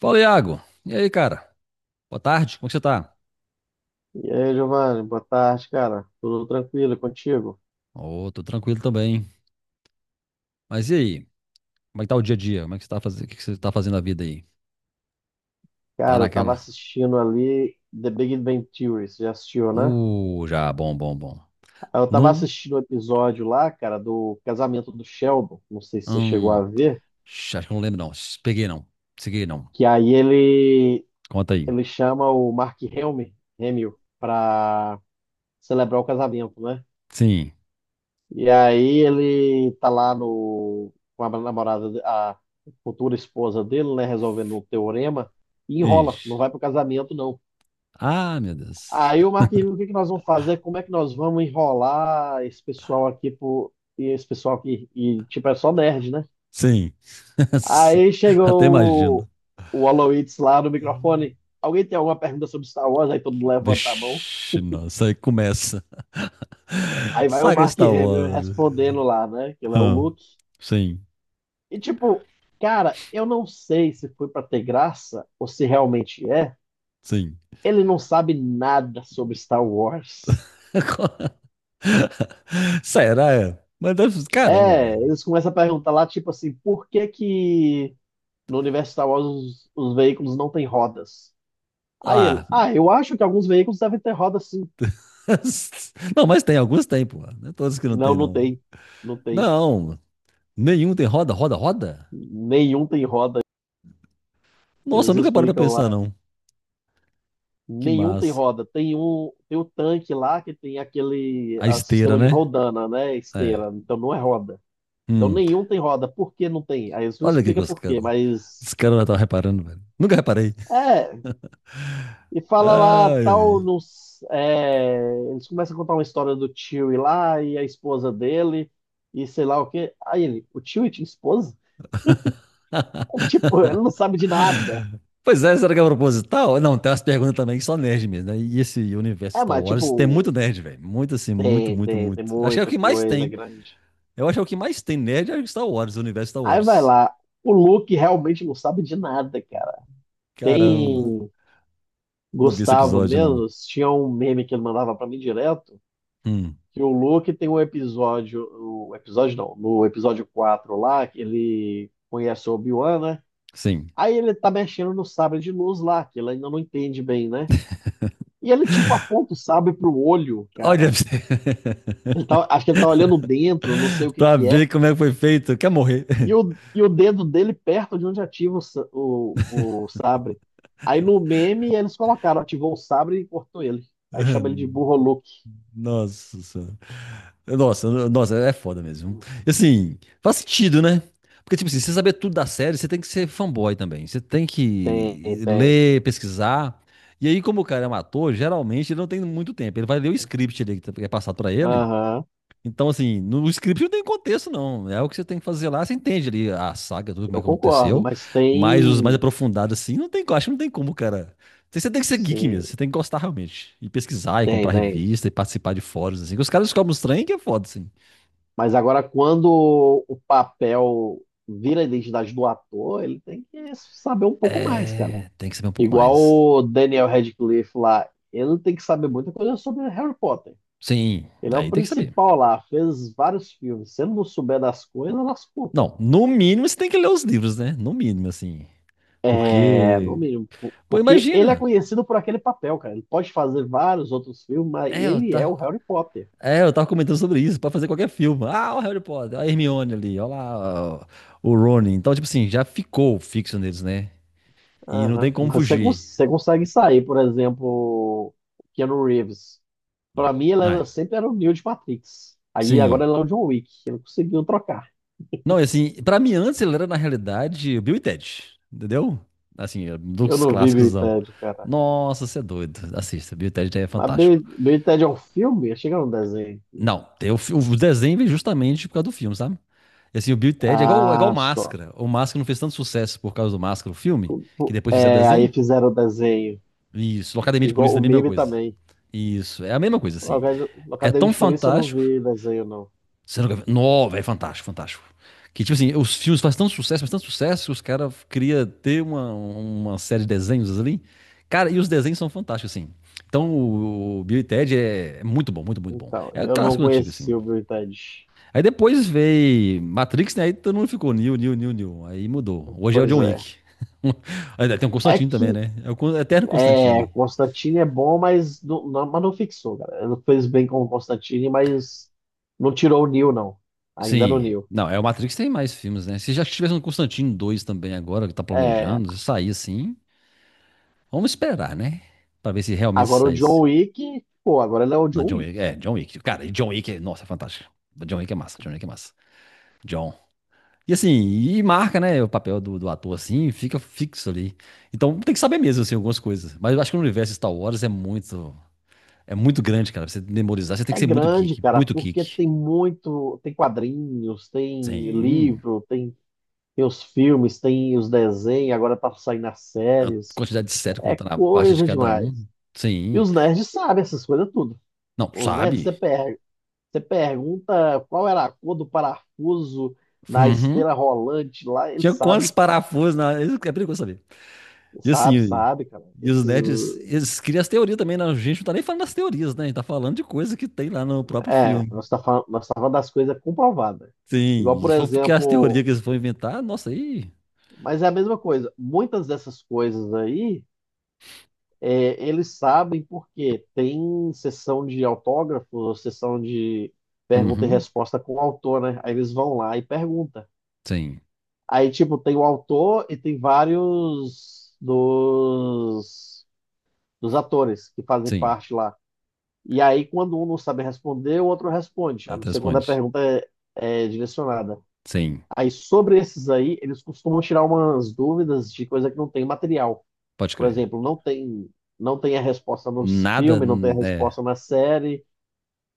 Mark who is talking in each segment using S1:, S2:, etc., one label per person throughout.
S1: Fala, Iago. E aí, cara? Boa tarde, como é que você tá?
S2: E aí, Giovanni, boa tarde, cara. Tudo tranquilo e contigo?
S1: Ô, tô tranquilo também. Mas e aí? Como é que tá o dia a dia? Como é que você tá fazendo? O que que você tá fazendo na vida aí? Tá
S2: Cara, eu tava
S1: naquela?
S2: assistindo ali The Big Bang Theory, você já assistiu, né?
S1: Já, bom, bom, bom.
S2: Aí Eu tava
S1: Não?
S2: assistindo o episódio lá, cara, do casamento do Sheldon, não sei se você chegou a
S1: Hum,
S2: ver,
S1: acho que eu não lembro, não. Sh, peguei, não. Peguei, não.
S2: que aí ele
S1: Conta aí.
S2: ele chama o Mark Hamill pra celebrar o casamento, né?
S1: Sim.
S2: E aí ele tá lá no com a namorada, a futura esposa dele, né, resolvendo um teorema e enrola,
S1: Ixi.
S2: não vai pro casamento não.
S1: Ah, meu Deus.
S2: Aí o Marquinhos, o que que nós vamos fazer? Como é que nós vamos enrolar esse pessoal aqui pro, e esse pessoal tipo é só nerd, né?
S1: Sim.
S2: Aí
S1: Até
S2: chegou o,
S1: imagino.
S2: o Aloysius lá no microfone. Alguém tem alguma pergunta sobre Star Wars? Aí todo mundo levanta a mão.
S1: Vixe, nossa, aí começa.
S2: Aí vai o
S1: Saga
S2: Mark
S1: Star
S2: Hamill
S1: Wars.
S2: respondendo lá, né? Que ele é o
S1: Hum,
S2: Luke.
S1: Sim,
S2: E tipo, cara, eu não sei se foi pra ter graça ou se realmente é.
S1: sim.
S2: Ele não sabe nada sobre Star Wars.
S1: Será? Mas caramba,
S2: É,
S1: velho.
S2: eles começam a perguntar lá, tipo assim, por que que no universo Star Wars, os veículos não têm rodas. Aí ele,
S1: Ah,
S2: ah, eu acho que alguns veículos devem ter roda sim.
S1: não, mas tem, alguns tem, pô. Não é todos que não
S2: Não,
S1: tem,
S2: não
S1: não.
S2: tem. Não tem.
S1: Não, nenhum tem roda, roda, roda?
S2: Nenhum tem roda.
S1: Nossa, eu
S2: Eles
S1: nunca parei pra
S2: explicam
S1: pensar,
S2: lá.
S1: não. Que
S2: Nenhum tem
S1: massa.
S2: roda. Tem um, tem o tanque lá que tem aquele
S1: A
S2: a,
S1: esteira,
S2: sistema de
S1: né?
S2: rodana, né?
S1: É.
S2: Esteira. Então não é roda. Então
S1: Hum.
S2: nenhum tem roda. Por que não tem? Aí eles não
S1: Olha aqui que
S2: explicam
S1: os
S2: por quê,
S1: caras. Os
S2: mas.
S1: caras estão reparando, velho. Nunca reparei.
S2: É, e fala lá, tal,
S1: Ai,
S2: eles começam a contar uma história do tio e lá, e a esposa dele, e sei lá o quê. Aí ele, o tio e tinha esposa?
S1: ai.
S2: Tipo, ele não sabe de nada.
S1: Pois é, será que é proposital? Não, tem umas perguntas também que só nerd mesmo, né? E esse universo
S2: É,
S1: Star
S2: mas
S1: Wars tem
S2: tipo,
S1: muito nerd, velho. Muito assim, muito,
S2: tem,
S1: muito,
S2: tem, tem
S1: muito. Acho que é o
S2: muita
S1: que mais
S2: coisa
S1: tem.
S2: grande.
S1: Eu acho que é o que mais tem nerd é Star Wars, o universo Star
S2: Aí vai
S1: Wars.
S2: lá, o Luke realmente não sabe de nada, cara.
S1: Caramba,
S2: Tem
S1: não vi esse
S2: Gustavo
S1: episódio, não.
S2: mesmo, tinha um meme que ele mandava pra mim direto,
S1: Hum,
S2: que o Luke tem um episódio, o episódio não, no episódio 4 lá, que ele conhece o Obi-Wan, né?
S1: sim.
S2: Aí ele tá mexendo no sabre de luz lá, que ele ainda não entende bem, né? E ele tipo aponta o sabre pro olho,
S1: Olha pra
S2: cara.
S1: você.
S2: Ele tá, acho que ele tá olhando dentro, não sei o que
S1: Pra
S2: que é.
S1: ver como é que foi feito. Quer morrer?
S2: E o dedo dele perto de onde ativa o sabre. Aí no meme eles colocaram, ativou o sabre e cortou ele. Aí chama ele de burro Luke.
S1: Nossa senhora. Nossa, nossa, é foda mesmo. E assim, faz sentido, né? Porque, tipo assim, você saber tudo da série, você tem que ser fanboy também. Você tem
S2: Tem,
S1: que
S2: tem.
S1: ler, pesquisar. E aí, como o cara é um ator, geralmente ele não tem muito tempo. Ele vai ler o script ali que é passado pra ele.
S2: Aham,
S1: Então, assim, no script não tem contexto, não. É o que você tem que fazer lá, você entende ali a saga, tudo como é
S2: eu
S1: que
S2: concordo,
S1: aconteceu.
S2: mas
S1: Mas os mais
S2: tem.
S1: aprofundados, assim, não tem, eu acho que não tem como, cara. Você tem que ser geek
S2: Sim,
S1: mesmo, você tem que gostar realmente. E pesquisar, e
S2: tem,
S1: comprar
S2: tem.
S1: revista, e participar de fóruns, assim. Que Os caras descobrem os trem que é foda, assim.
S2: Mas agora, quando o papel vira a identidade do ator, ele tem que saber um pouco mais, cara.
S1: É, tem que saber um pouco
S2: Igual
S1: mais.
S2: o Daniel Radcliffe lá, ele tem que saber muita coisa sobre Harry Potter.
S1: Sim,
S2: Ele é o
S1: aí tem que saber.
S2: principal lá, fez vários filmes. Se ele não souber das coisas, lascou, cara.
S1: Não, no mínimo você tem que ler os livros, né? No mínimo, assim.
S2: É, no
S1: Porque,
S2: mínimo.
S1: pô,
S2: Porque ele é
S1: imagina.
S2: conhecido por aquele papel, cara. Ele pode fazer vários outros filmes, mas
S1: É, eu
S2: ele é o
S1: tá.
S2: Harry Potter.
S1: É, eu tava comentando sobre isso, pra fazer qualquer filme. Ah, o Harry Potter, a Hermione ali, olha lá, ó, o Rony. Então, tipo assim, já ficou fixo neles, né? E não tem
S2: Aham.
S1: como
S2: Mas você,
S1: fugir.
S2: você consegue sair, por exemplo, Keanu Reeves. Pra mim,
S1: Não, é?
S2: sempre era o Neo de Matrix. Aí agora
S1: Sim.
S2: ele é o John Wick. Ele conseguiu trocar.
S1: Não, e assim, pra mim antes ele era, na realidade, o Bill e Ted, entendeu? Assim, é,
S2: Eu
S1: dos
S2: não vi Bill
S1: clássicos.
S2: e Ted, cara.
S1: Nossa, você é doido. Assista, Bill e Ted é
S2: Mas
S1: fantástico.
S2: Bill e Ted é um filme? Achei que chega um desenho.
S1: Não, tem o desenho veio justamente por causa do filme, sabe? E assim, o Bill e Ted é igual
S2: Ah, só.
S1: Máscara. O Máscara não fez tanto sucesso por causa do Máscara, o filme, que
S2: Pô,
S1: depois fizeram o
S2: é, aí
S1: desenho.
S2: fizeram o desenho.
S1: Isso. Academia de
S2: Igual
S1: Polícia
S2: o
S1: é a mesma
S2: meme
S1: coisa.
S2: também.
S1: Isso. É a mesma coisa,
S2: na
S1: assim.
S2: Acad- na
S1: É
S2: Academia
S1: tão
S2: de Polícia eu não
S1: fantástico.
S2: vi desenho, não.
S1: Você nunca... viu? Não, velho, fantástico, fantástico. Que, tipo assim, os filmes fazem tanto sucesso, que os caras queriam ter uma série de desenhos ali. Cara, e os desenhos são fantásticos, assim. Então, o Bill e Ted é muito bom, muito, muito bom.
S2: Então,
S1: É
S2: eu não
S1: clássico antigo, assim.
S2: conheci o Bill e Ted.
S1: Aí depois veio Matrix, né? Aí todo mundo ficou New, New, New, New. Aí mudou. Hoje é o
S2: Pois
S1: John
S2: é.
S1: Wick. Aí tem o
S2: É
S1: Constantine também,
S2: que
S1: né? É o Eterno
S2: é,
S1: Constantine.
S2: Constantine é bom, mas mas não fixou, galera. Ele fez bem com o Constantine, mas não tirou o Neo, não. Ainda no
S1: Sim.
S2: Neo.
S1: Não, é o Matrix tem mais filmes, né? Se já tivesse um Constantino 2 também agora, que tá
S2: É,
S1: planejando, se sair assim, vamos esperar, né? Pra ver se realmente
S2: agora o John
S1: saísse.
S2: Wick, pô, agora ele é o
S1: Não,
S2: John
S1: John
S2: Wick.
S1: Wick. É, John Wick. Cara, e John Wick, nossa, é fantástico. John Wick é massa, John Wick é massa. John. E assim, e marca, né, o papel do ator assim, fica fixo ali. Então tem que saber mesmo, assim, algumas coisas. Mas eu acho que o universo Star Wars é muito grande, cara. Pra você memorizar, você tem que
S2: É
S1: ser muito
S2: grande,
S1: geek,
S2: cara,
S1: muito
S2: porque
S1: geek.
S2: tem muito, tem quadrinhos, tem
S1: Sim.
S2: livro, tem, tem os filmes, tem os desenhos, agora tá saindo as
S1: A
S2: séries.
S1: quantidade de série
S2: É
S1: contando a parte de
S2: coisa
S1: cada
S2: demais.
S1: um.
S2: E
S1: Sim.
S2: os nerds sabem essas coisas tudo.
S1: Não,
S2: Os nerds você
S1: sabe?
S2: perde. Você pergunta qual era a cor do parafuso na
S1: Uhum.
S2: esteira rolante lá, ele
S1: Tinha quantos
S2: sabe,
S1: parafusos na. Isso que é perigoso saber. E
S2: sabe,
S1: assim,
S2: sabe, cara.
S1: e os nerds, eles criam as teorias também, né? A gente não tá nem falando das teorias, né? A gente tá falando de coisa que tem lá no próprio filme.
S2: Nós tá falando das coisas comprovadas.
S1: Sim,
S2: Igual,
S1: e
S2: por
S1: se for porque as teorias
S2: exemplo,
S1: que eles vão inventar, nossa, aí.
S2: mas é a mesma coisa. Muitas dessas coisas aí, é, eles sabem porque tem sessão de autógrafo, sessão de pergunta e
S1: Uhum.
S2: resposta com o autor, né? Aí eles vão lá e perguntam.
S1: Sim,
S2: Aí, tipo, tem o autor e tem vários dos atores que fazem
S1: sim.
S2: parte lá. E aí, quando um não sabe responder, o outro responde, a não
S1: Outra
S2: ser quando
S1: responde.
S2: é direcionada.
S1: Sim,
S2: Aí, sobre esses aí, eles costumam tirar umas dúvidas de coisa que não tem material.
S1: pode
S2: Por
S1: crer.
S2: exemplo, não tem a resposta nos
S1: Nada.
S2: filmes, não tem a
S1: Hum, é,
S2: resposta na série.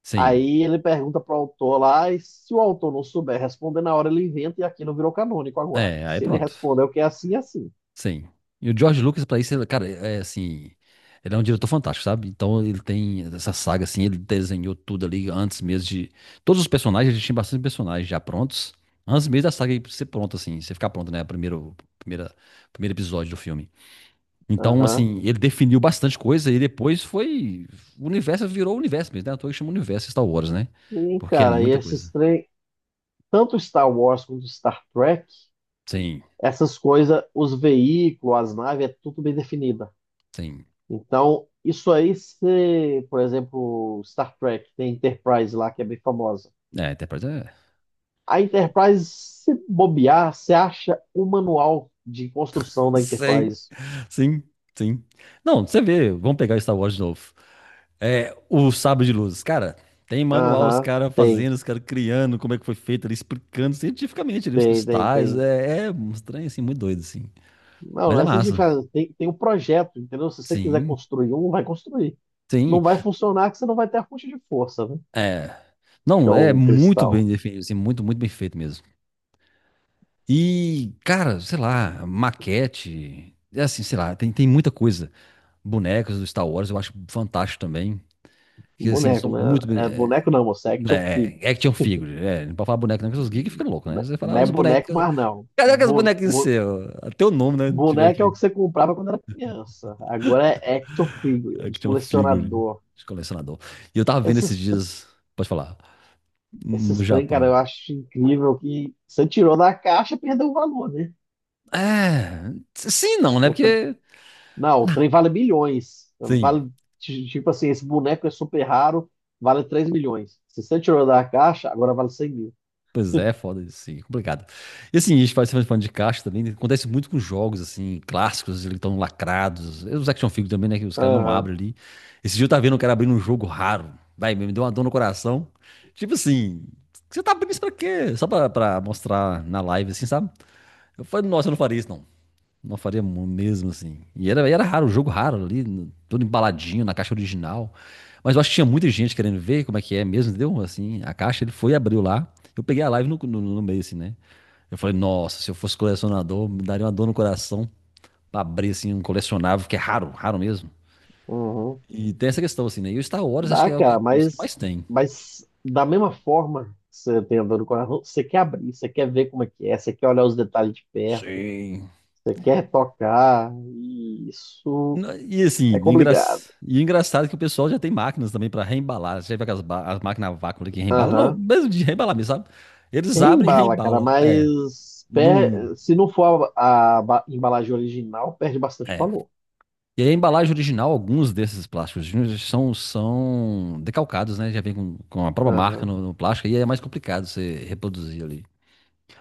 S1: sim.
S2: Aí ele pergunta para o autor lá, e se o autor não souber responder na hora, ele inventa e aquilo virou canônico agora.
S1: É, aí
S2: Se ele
S1: pronto.
S2: responder o que é assim, é assim.
S1: Sim. E o George Lucas, pra isso, ele, cara, é assim. Ele é um diretor fantástico, sabe? Então ele tem essa saga, assim, ele desenhou tudo ali antes mesmo de. Todos os personagens, ele tinha bastante personagens já prontos. Antes mesmo da saga ser pronta, assim, você ficar pronto, né? Primeiro episódio do filme. Então,
S2: Aham.
S1: assim, ele definiu bastante coisa e depois foi. O universo virou o universo mesmo, né? À toa que chama universo Star Wars, né?
S2: Sim,
S1: Porque é
S2: cara, e
S1: muita coisa.
S2: esses três, tanto Star Wars quanto Star Trek,
S1: Sim,
S2: essas coisas, os veículos, as naves, é tudo bem definida.
S1: sim.
S2: Então, isso aí, se, por exemplo, Star Trek, tem a Enterprise lá, que é bem famosa.
S1: É, até pra dizer.
S2: A Enterprise, se bobear, você acha o manual de construção da
S1: Sim.
S2: Enterprise.
S1: Sim, sim. Não, você vê, vamos pegar Star Wars de novo. É, o Sabre de Luz, cara, tem manual, os
S2: Aham,
S1: caras
S2: tem,
S1: fazendo, os caras criando, como é que foi feito ali, explicando cientificamente ali os
S2: tem, tem,
S1: cristais.
S2: tem.
S1: É, é um estranho, assim, muito doido, assim.
S2: Não,
S1: Mas
S2: não
S1: é
S2: é assim que
S1: massa.
S2: faz, tem, tem um projeto, entendeu? Se você quiser
S1: Sim,
S2: construir um, vai construir. Não
S1: sim.
S2: vai funcionar que você não vai ter a fonte de força, né?
S1: É.
S2: Que é
S1: Não, é
S2: o
S1: muito bem
S2: cristal.
S1: definido, assim, muito, muito bem feito mesmo. E, cara, sei lá, maquete, é assim, sei lá, tem, tem muita coisa. Bonecos do Star Wars eu acho fantástico também. Que, assim,
S2: Boneco,
S1: são
S2: né?
S1: muito bem.
S2: É boneco não, moça, é action
S1: É, é
S2: figure.
S1: action figure. É, não pode falar boneco, não, porque os geeks ficam loucos, né?
S2: Né-
S1: Você fala "Ah,
S2: não é
S1: os
S2: boneco,
S1: bonecos.
S2: mas não.
S1: Cadê que os bonequinhos seus? Até o nome, né? Tiveram
S2: Boneco é
S1: aqui.
S2: o que você comprava quando era criança. Agora é action figure, é de
S1: Action figure
S2: colecionador.
S1: de colecionador. E eu tava vendo esses
S2: Esses, tr-
S1: dias, pode falar, no
S2: Esses trem, cara,
S1: Japão.
S2: eu acho incrível que você tirou da caixa, perdeu o valor, né?
S1: É, sim, e não, né?
S2: O tr-
S1: Porque,
S2: não, o trem vale milhões.
S1: sim,
S2: Vale, tipo assim, esse boneco é super raro, vale 3.000.000. Se você tirou da caixa, agora vale 100.000.
S1: pois é, foda isso, sim, complicado. E assim, a gente faz falando de caixa também, né, acontece muito com jogos, assim, clássicos, eles estão lacrados. Os action figures também, né, que os caras não
S2: Aham,
S1: abrem ali. Esse dia eu tava vendo um cara abrindo um jogo raro. Vai, me deu uma dor no coração. Tipo assim, você tá abrindo isso pra quê? Só pra mostrar na live, assim, sabe? Eu falei, nossa, eu não faria isso, não. Não faria mesmo assim. E era, era raro, o jogo raro ali, todo embaladinho na caixa original. Mas eu acho que tinha muita gente querendo ver como é que é mesmo, entendeu? Assim, a caixa ele foi e abriu lá. Eu peguei a live no meio, assim, né? Eu falei, nossa, se eu fosse colecionador, me daria uma dor no coração pra abrir assim um colecionável, que é raro, raro mesmo.
S2: uhum.
S1: E tem essa questão, assim, né? E o Star Wars acho que
S2: Dá,
S1: é o que,
S2: cara,
S1: dos que mais tem.
S2: mas da mesma forma que você tem a dor no coração, você quer abrir, você quer ver como é que é, você quer olhar os detalhes de perto,
S1: Sim.
S2: você quer tocar, e isso
S1: Não, e
S2: é
S1: assim, engra...
S2: complicado.
S1: e engraçado é que o pessoal já tem máquinas também para reembalar. Você já vê aquelas as máquinas a vácuo ali que reembalam? Não,
S2: Aham.
S1: mesmo de reembalar mesmo, sabe? Eles abrem e
S2: Embala, cara,
S1: reembalam. É,
S2: mas
S1: não.
S2: se não for a embalagem original, perde bastante
S1: É.
S2: valor.
S1: E aí, a embalagem original, alguns desses plásticos são, são decalcados, né? Já vem com a própria marca
S2: Aham,
S1: no plástico, e é mais complicado você reproduzir ali.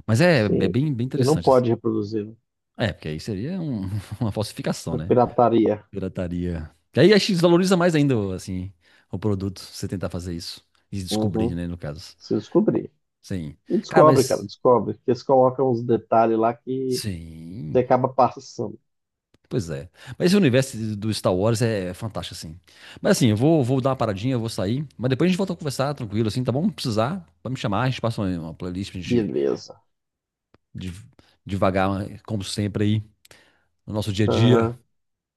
S1: Mas é, é
S2: sim.
S1: bem, bem
S2: E não
S1: interessante, assim.
S2: pode reproduzir, né?
S1: É, porque aí seria um- uma falsificação,
S2: É
S1: né?
S2: pirataria.
S1: Pirataria. E aí acho que desvaloriza mais ainda, assim, o produto, você tentar fazer isso. E descobrir,
S2: Uhum.
S1: né, no caso.
S2: Se descobrir.
S1: Sim.
S2: E
S1: Cara,
S2: descobre, cara,
S1: mas.
S2: descobre. Porque eles colocam uns detalhes lá que você
S1: Sim.
S2: acaba passando.
S1: Pois é. Mas esse universo do Star Wars é fantástico, assim. Mas assim, vou dar uma paradinha, eu vou sair. Mas depois a gente volta a conversar tranquilo, assim, tá bom? Se precisar, pode me chamar, a gente passa uma playlist pra gente
S2: Beleza.
S1: de devagar como sempre, aí, no nosso dia a dia,
S2: Aham.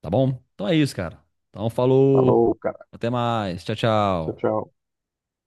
S1: tá bom? Então é isso, cara. Então falou.
S2: Falou, cara.
S1: Até mais. Tchau,
S2: Tchau,
S1: tchau.
S2: tchau.